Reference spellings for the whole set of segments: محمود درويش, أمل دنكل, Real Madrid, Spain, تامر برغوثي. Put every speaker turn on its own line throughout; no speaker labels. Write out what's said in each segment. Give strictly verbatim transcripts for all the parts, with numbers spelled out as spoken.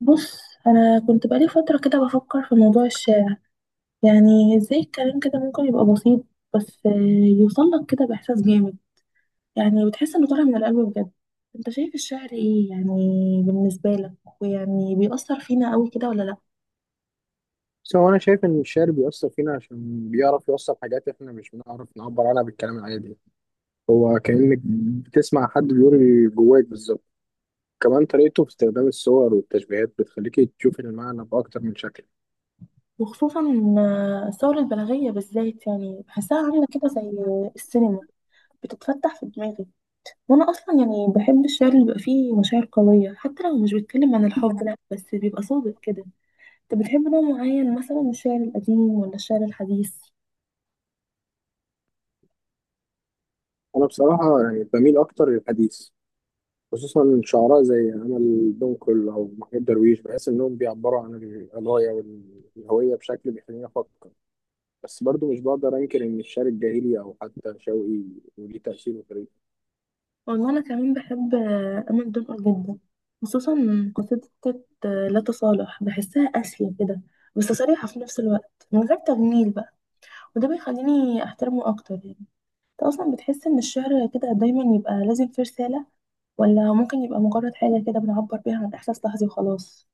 بص، انا كنت بقالي فتره كده بفكر في موضوع الشعر. يعني ازاي الكلام كده ممكن يبقى بسيط، بس آه، يوصل لك كده باحساس جامد. يعني بتحس انه طالع من القلب بجد. انت شايف الشعر ايه يعني؟ بالنسبه لك، ويعني بيأثر فينا قوي كده ولا لا؟
بس هو أنا شايف إن الشعر بيأثر فينا عشان بيعرف يوصل حاجات إحنا مش بنعرف نعبر عنها بالكلام العادي. هو كأنك بتسمع حد بيقول اللي جواك بالظبط. كمان طريقته في استخدام الصور والتشبيهات بتخليكي تشوفي المعنى بأكتر من شكل.
وخصوصا آه، الثوره البلاغيه بالذات، يعني بحسها عامله كده زي السينما بتتفتح في دماغي. وانا اصلا يعني بحب الشعر اللي بيبقى فيه مشاعر قويه، حتى لو مش بيتكلم عن الحب لا، بس بيبقى صادق كده. انت بتحب نوع معين مثلا من الشعر القديم ولا الشعر الحديث؟
أنا بصراحة يعني بميل أكتر للحديث، خصوصا شعراء زي أمل دنكل أو محمود درويش. بحس إنهم بيعبروا عن القضايا والهوية بشكل بيخليني أفكر. بس برضه مش بقدر أنكر إن الشعر الجاهلي أو حتى شوقي وليه تأثير وطريقته.
والله انا كمان بحب آه، امل دنقل جدا. خصوصا قصيدة آه، لا تصالح، بحسها قاسية كده بس صريحة في نفس الوقت من غير تجميل بقى. وده بيخليني احترمه اكتر يعني. انت اصلا بتحس ان الشعر كده دايما يبقى لازم فيه رسالة، ولا ممكن يبقى مجرد حاجة كده بنعبر بيها عن احساس لحظي وخلاص؟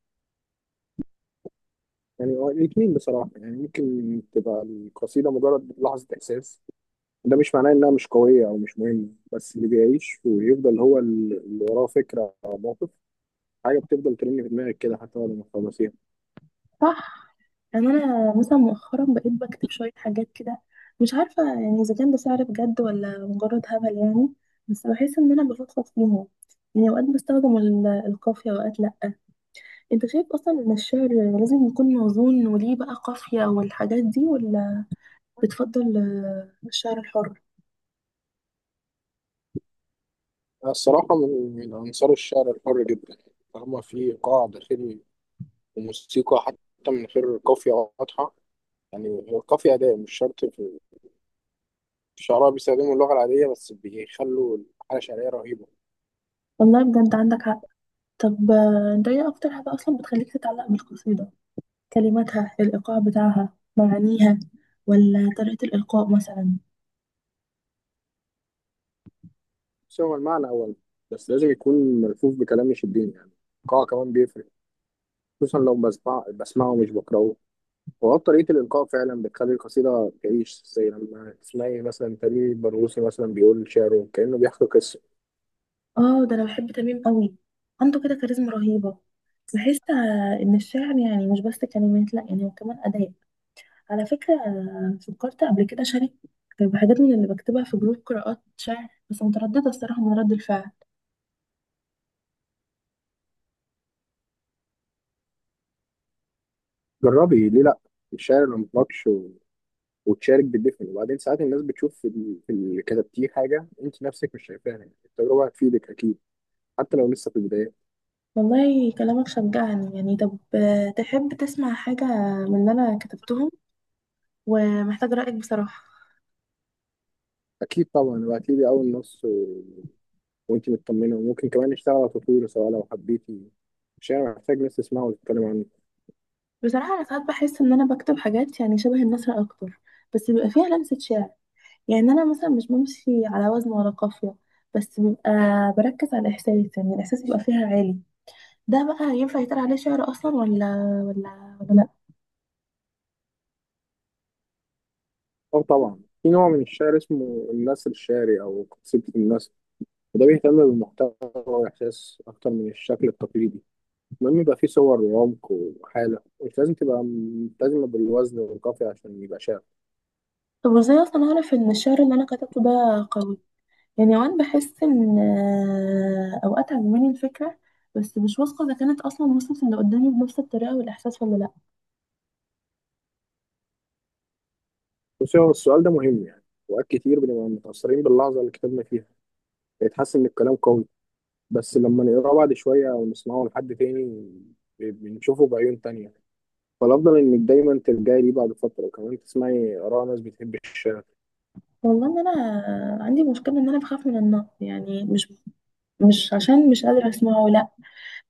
يعني هو الاثنين بصراحة، يعني ممكن تبقى القصيدة مجرد لحظة إحساس. ده مش معناه إنها مش قوية أو مش مهمة. بس اللي بيعيش ويفضل هو ال- اللي وراه فكرة أو موقف، حاجة بتفضل ترن في دماغك كده حتى بعد ما تخلصيها.
صح. يعني انا مثلا مؤخرا بقيت بكتب شويه حاجات كده، مش عارفه يعني اذا كان ده سعر بجد ولا مجرد هبل يعني. بس بحس ان انا بفضفض فيهم. يعني اوقات بستخدم ال- القافيه واوقات لا. انت شايف اصلا ان الشعر لازم يكون موزون وليه بقى قافيه والحاجات دي، ولا بتفضل آه، الشعر الحر؟
أنا الصراحة من من أنصار الشعر الحر جدا، طالما في إيقاع داخلي وموسيقى حتى من غير قافية واضحة. يعني هو القافية أداة مش شرط. في في شعراء بيستخدموا اللغة العادية بس بيخلوا الحالة شعرية رهيبة.
والله بجد عندك حق. طب آه، انت ايه اكتر حاجه اصلا بتخليك تتعلق بالقصيده؟ كلماتها، الايقاع بتاعها، معانيها، ولا طريقه الالقاء مثلا؟
بس هو المعنى أول، بس لازم يكون ملفوف بكلام يشدني يعني. الإيقاع كمان بيفرق، خصوصا لو بسمع بسمعه مش بقرأه. وهو طريقة الإلقاء فعلا بتخلي القصيدة تعيش، زي لما تسمعي مثلا تامر برغوثي مثلا بيقول شعره كأنه بيحكي قصة.
اه، ده انا بحب تميم قوي. عنده كده كاريزما رهيبة. بحس آه، ان الشعر يعني مش بس كلمات لا، يعني هو كمان اداء. على فكرة آه، فكرت قبل كده شارك بحاجات من اللي بكتبها في جروب قراءات شعر، بس مترددة الصراحة من رد الفعل.
جربي ليه لأ؟ الشعر لما مطلقش و... وتشارك بالدفن، وبعدين ساعات الناس بتشوف في ال- في اللي كتبتيه حاجة أنت نفسك مش شايفاها. يعني التجربة هتفيدك أكيد، حتى لو لسه في البداية.
والله كلامك شجعني يعني. طب آه، تحب تسمع حاجة من اللي انا كتبتهم ومحتاج رأيك بصراحة؟
أكيد طبعا، وهتيجي أول نص وانت مطمنه، وممكن كمان نشتغل على تطويره سواء لو حبيتي. الشعر محتاج ناس تسمعه وتتكلم عنه.
بصراحة انا ساعات بحس ان انا بكتب حاجات يعني شبه النثر اكتر، بس بيبقى فيها لمسة شعر. يعني انا مثلا مش بمشي على وزن ولا قافيه، بس بيبقى بركز على الاحساس، يعني الاحساس يبقى فيها عالي. ده بقى ينفع يتقال عليه شعر اصلا ولا ولا ولا لا؟
اه طبعا، في نوع من الشعر اسمه النثر الشعري او قصيدة النثر، وده بيهتم بالمحتوى والاحساس اكتر من الشكل التقليدي. المهم يبقى فيه صور وعمق وحاله، مش لازم تبقى ملتزمه بالوزن والقافيه عشان يبقى شعر.
طب وازاي اصلا اعرف ان الشعر اللي انا كتبته ده قوي؟ يعني اوقات بحس ان آه، اوقات عجباني الفكره، بس مش واثقه اذا كانت اصلا وصلت اللي قدامي بنفس الطريقه والاحساس ولا لا.
بصي، هو السؤال ده مهم يعني. وقت كتير بنبقى متاثرين باللحظه اللي كتبنا فيها، بيتحس ان الكلام قوي، بس لما نقراه بعد شويه او نسمعه لحد تاني بنشوفه بعيون تانية. فالأفضل إنك دايما ترجعي ليه بعد فترة، وكمان تسمعي آراء ناس بتحب الشعر.
والله ان انا عندي مشكله، ان انا بخاف من النقد، يعني مش مش عشان مش قادره اسمعه لا،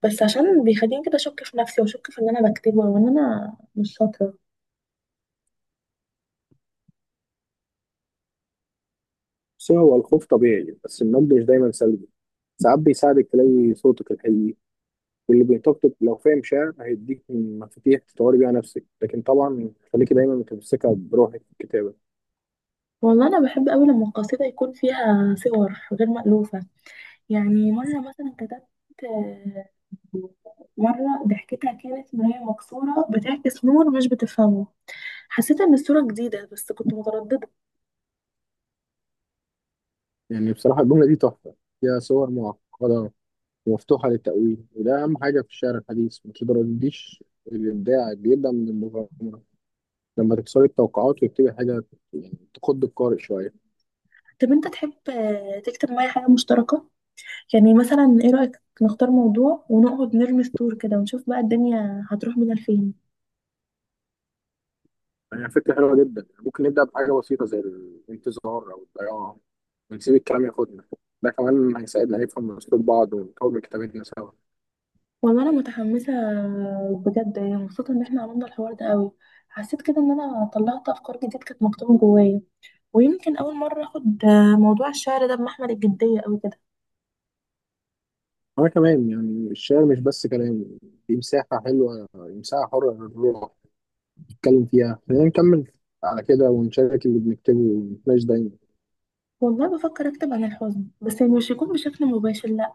بس عشان بيخليني كده اشك في نفسي واشك في اللي انا بكتبه وان انا مش شاطره.
بس هو الخوف طبيعي، بس النقد مش دايما سلبي. ساعات بيساعدك تلاقي صوتك الحقيقي، واللي بينتقدك لو فاهم شعر هيديك مفاتيح تطوري بيها نفسك. لكن طبعا خليكي دايما متمسكة بروحك في الكتابة.
والله انا بحب قوي لما القصيده يكون فيها صور غير مألوفه. يعني مره مثلا كتبت، آه، مره ضحكتها كانت مرايه مكسوره بتعكس نور مش بتفهمه. حسيت ان الصوره جديده بس كنت متردده.
يعني بصراحة الجملة دي تحفة، فيها صور معقدة ومفتوحة للتأويل، وده أهم حاجة في الشعر الحديث. ما ترديش، الإبداع بيبدأ من المغامرة، لما تكسري التوقعات وتكتبي حاجة يعني تخض القارئ شوية.
طب انت تحب آه، تكتب معايا حاجه مشتركه؟ يعني مثلا ايه رأيك نختار موضوع ونقعد نرمي سطور كده ونشوف بقى الدنيا هتروح بينا لفين؟
يعني فكرة حلوة جدا. يعني ممكن نبدأ بحاجة بسيطة زي الانتظار أو الضياع، ونسيب الكلام ياخدنا. ده كمان هيساعدنا نفهم أسلوب بعض ونطور من كتابتنا سوا.
والله انا متحمسه بجد، يعني مبسوطه ان احنا عملنا الحوار ده قوي. حسيت كده ان انا طلعت افكار جديده كانت مكتومه جوايا. ويمكن اول مره اخد موضوع الشعر ده بمحمل الجديه قوي كده.
أنا كمان، يعني الشعر مش بس كلام، دي مساحة حلوة، مساحة حرة للروح نتكلم فيها. خلينا نكمل على كده ونشارك اللي بنكتبه ونتناقش دايما.
والله بفكر اكتب عن الحزن، بس يعني مش يكون بشكل مباشر لا،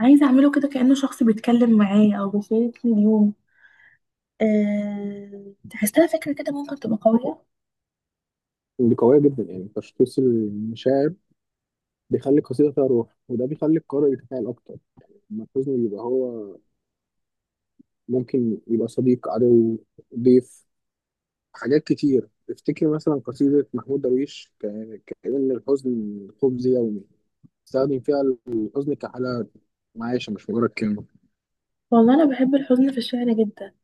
عايزه اعمله كده كانه شخص بيتكلم معايا او بيشاركني اليوم. أه... تحسها فكره كده ممكن تبقى قويه؟
دي قوية جدا، يعني تشخيص المشاعر بيخلي القصيدة فيها روح، وده بيخلي القارئ يتفاعل أكتر. لما الحزن يبقى هو، ممكن يبقى صديق، عدو، ضيف، حاجات كتير. افتكر مثلا قصيدة محمود درويش ك- كأن الحزن خبز يومي، استخدم فيها الحزن كحالة معيشة مش مجرد كلمة.
والله انا بحب الحزن في الشعر جدا.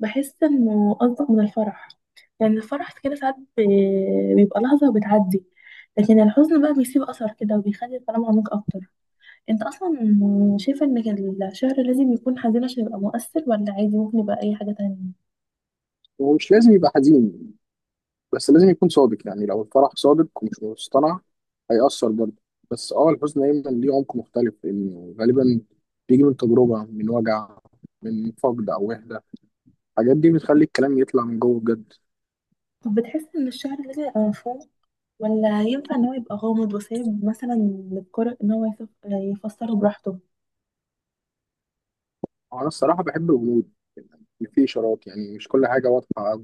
بحس انه انطق من الفرح. يعني الفرح كده ساعات ب- بيبقى لحظة وبتعدي، لكن الحزن بقى بيسيب أثر كده وبيخلي الكلام عميق أكتر. أنت أصلا شايفة إن الشعر لازم يكون حزين عشان يبقى مؤثر، ولا عادي ممكن يبقى أي حاجة تانية؟
ومش لازم يبقى حزين، بس لازم يكون صادق. يعني لو الفرح صادق ومش مصطنع هيأثر برضه. بس اه الحزن دايما ليه عمق مختلف، لأنه غالبا بيجي من تجربة، من وجع، من فقد أو وحدة. الحاجات دي بتخلي الكلام يطلع من جوه بجد.
طب بتحس إن الشعر لازم يبقى مفهوم، ولا ينفع إن هو يبقى غامض وسايب مثلا للقارئ إن هو يف- يفسره براحته؟
أنا الصراحة بحب الغموض، يعني في إشارات، يعني مش كل حاجة واضحة.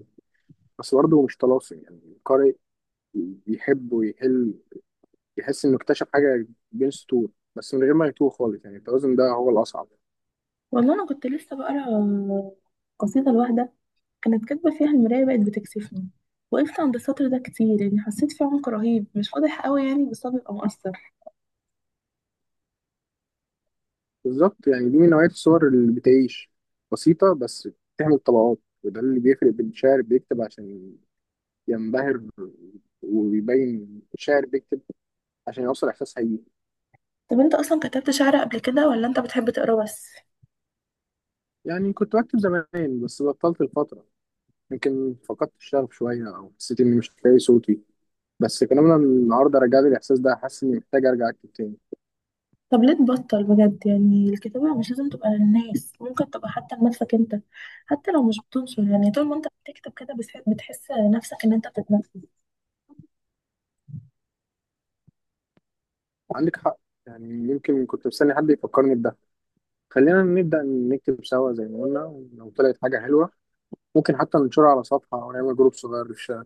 بس برضه هو مش طلاسم. يعني قارئ بيحب ويحل، يحس انه اكتشف حاجه بين سطور، بس من غير ما يتوه خالص. يعني التوازن ده هو الاصعب.
والله أنا كنت لسه بقرا قصيدة لواحدة، كانت كاتبة فيها المراية بقت بتكسفني. وقفت عند السطر ده كتير، يعني حسيت فيه عمق رهيب، مش واضح قوي يعني بس هو بيبقى مؤثر.
بالظبط، يعني دي من نوعيه الصور اللي بتعيش، بسيطه بس بتعمل طبقات. وده اللي بيفرق بين شاعر بيكتب عشان ينبهر ويبين، شاعر بيكتب عشان يوصل احساس حقيقي.
طب انت اصلا كتبت شعر قبل كده ولا انت بتحب تقرا بس؟
يعني كنت بكتب زمان بس بطلت الفتره، يمكن فقدت الشغف شويه او حسيت اني مش لاقي صوتي. بس كلامنا النهارده رجع لي الاحساس ده، حاسس اني محتاج ارجع اكتب تاني.
طب ليه تبطل بجد؟ يعني الكتابة مش لازم تبقى للناس، ممكن تبقى حتى لنفسك انت. حتى لو مش بتنشر، يعني طول ما انت بتكتب كده بس- بتحس نفسك ان انت بتتنفس.
عندك حق، يعني يمكن كنت مستني حد يفكرني بده. خلينا نبدأ نكتب سوا زي ما قلنا، ولو طلعت حاجة حلوة ممكن حتى ننشرها على صفحة أو نعمل جروب صغير في الشارع.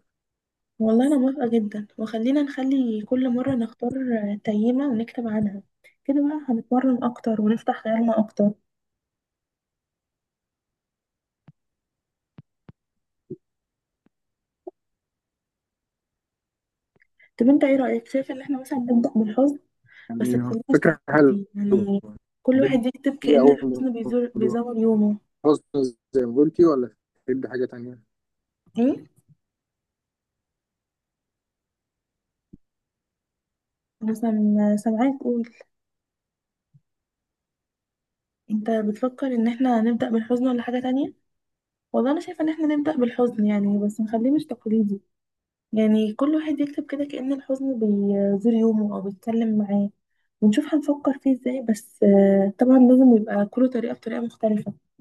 والله انا موافقة جدا. وخلينا نخلي كل مرة نختار تيمة ونكتب عنها. كده بقى هنتمرن اكتر ونفتح خيالنا اكتر. طب انت ايه رأيك، شايف ان احنا مثلا نبدأ بالحزن؟ بس
يعني
متخليناش
فكرة حلوة.
تقليدي يعني، كل
نبدأ،
واحد يكتب
إيه
كأن
أول
الحزن بيزور
موضوع؟
بيزور يومه.
غصب زي ما قلتي ولا تبدأ حاجة تانية؟
ايه؟ مثلا سامعاك تقول انت بتفكر ان احنا نبدأ بالحزن ولا حاجة تانية. والله انا شايفة ان احنا نبدأ بالحزن، يعني بس نخليه مش تقليدي. يعني كل واحد يكتب كده كأن الحزن بيزور يومه او بيتكلم معاه، ونشوف هنفكر فيه ازاي. بس آه، طبعا لازم يبقى كل طريقة بطريقة مختلفة.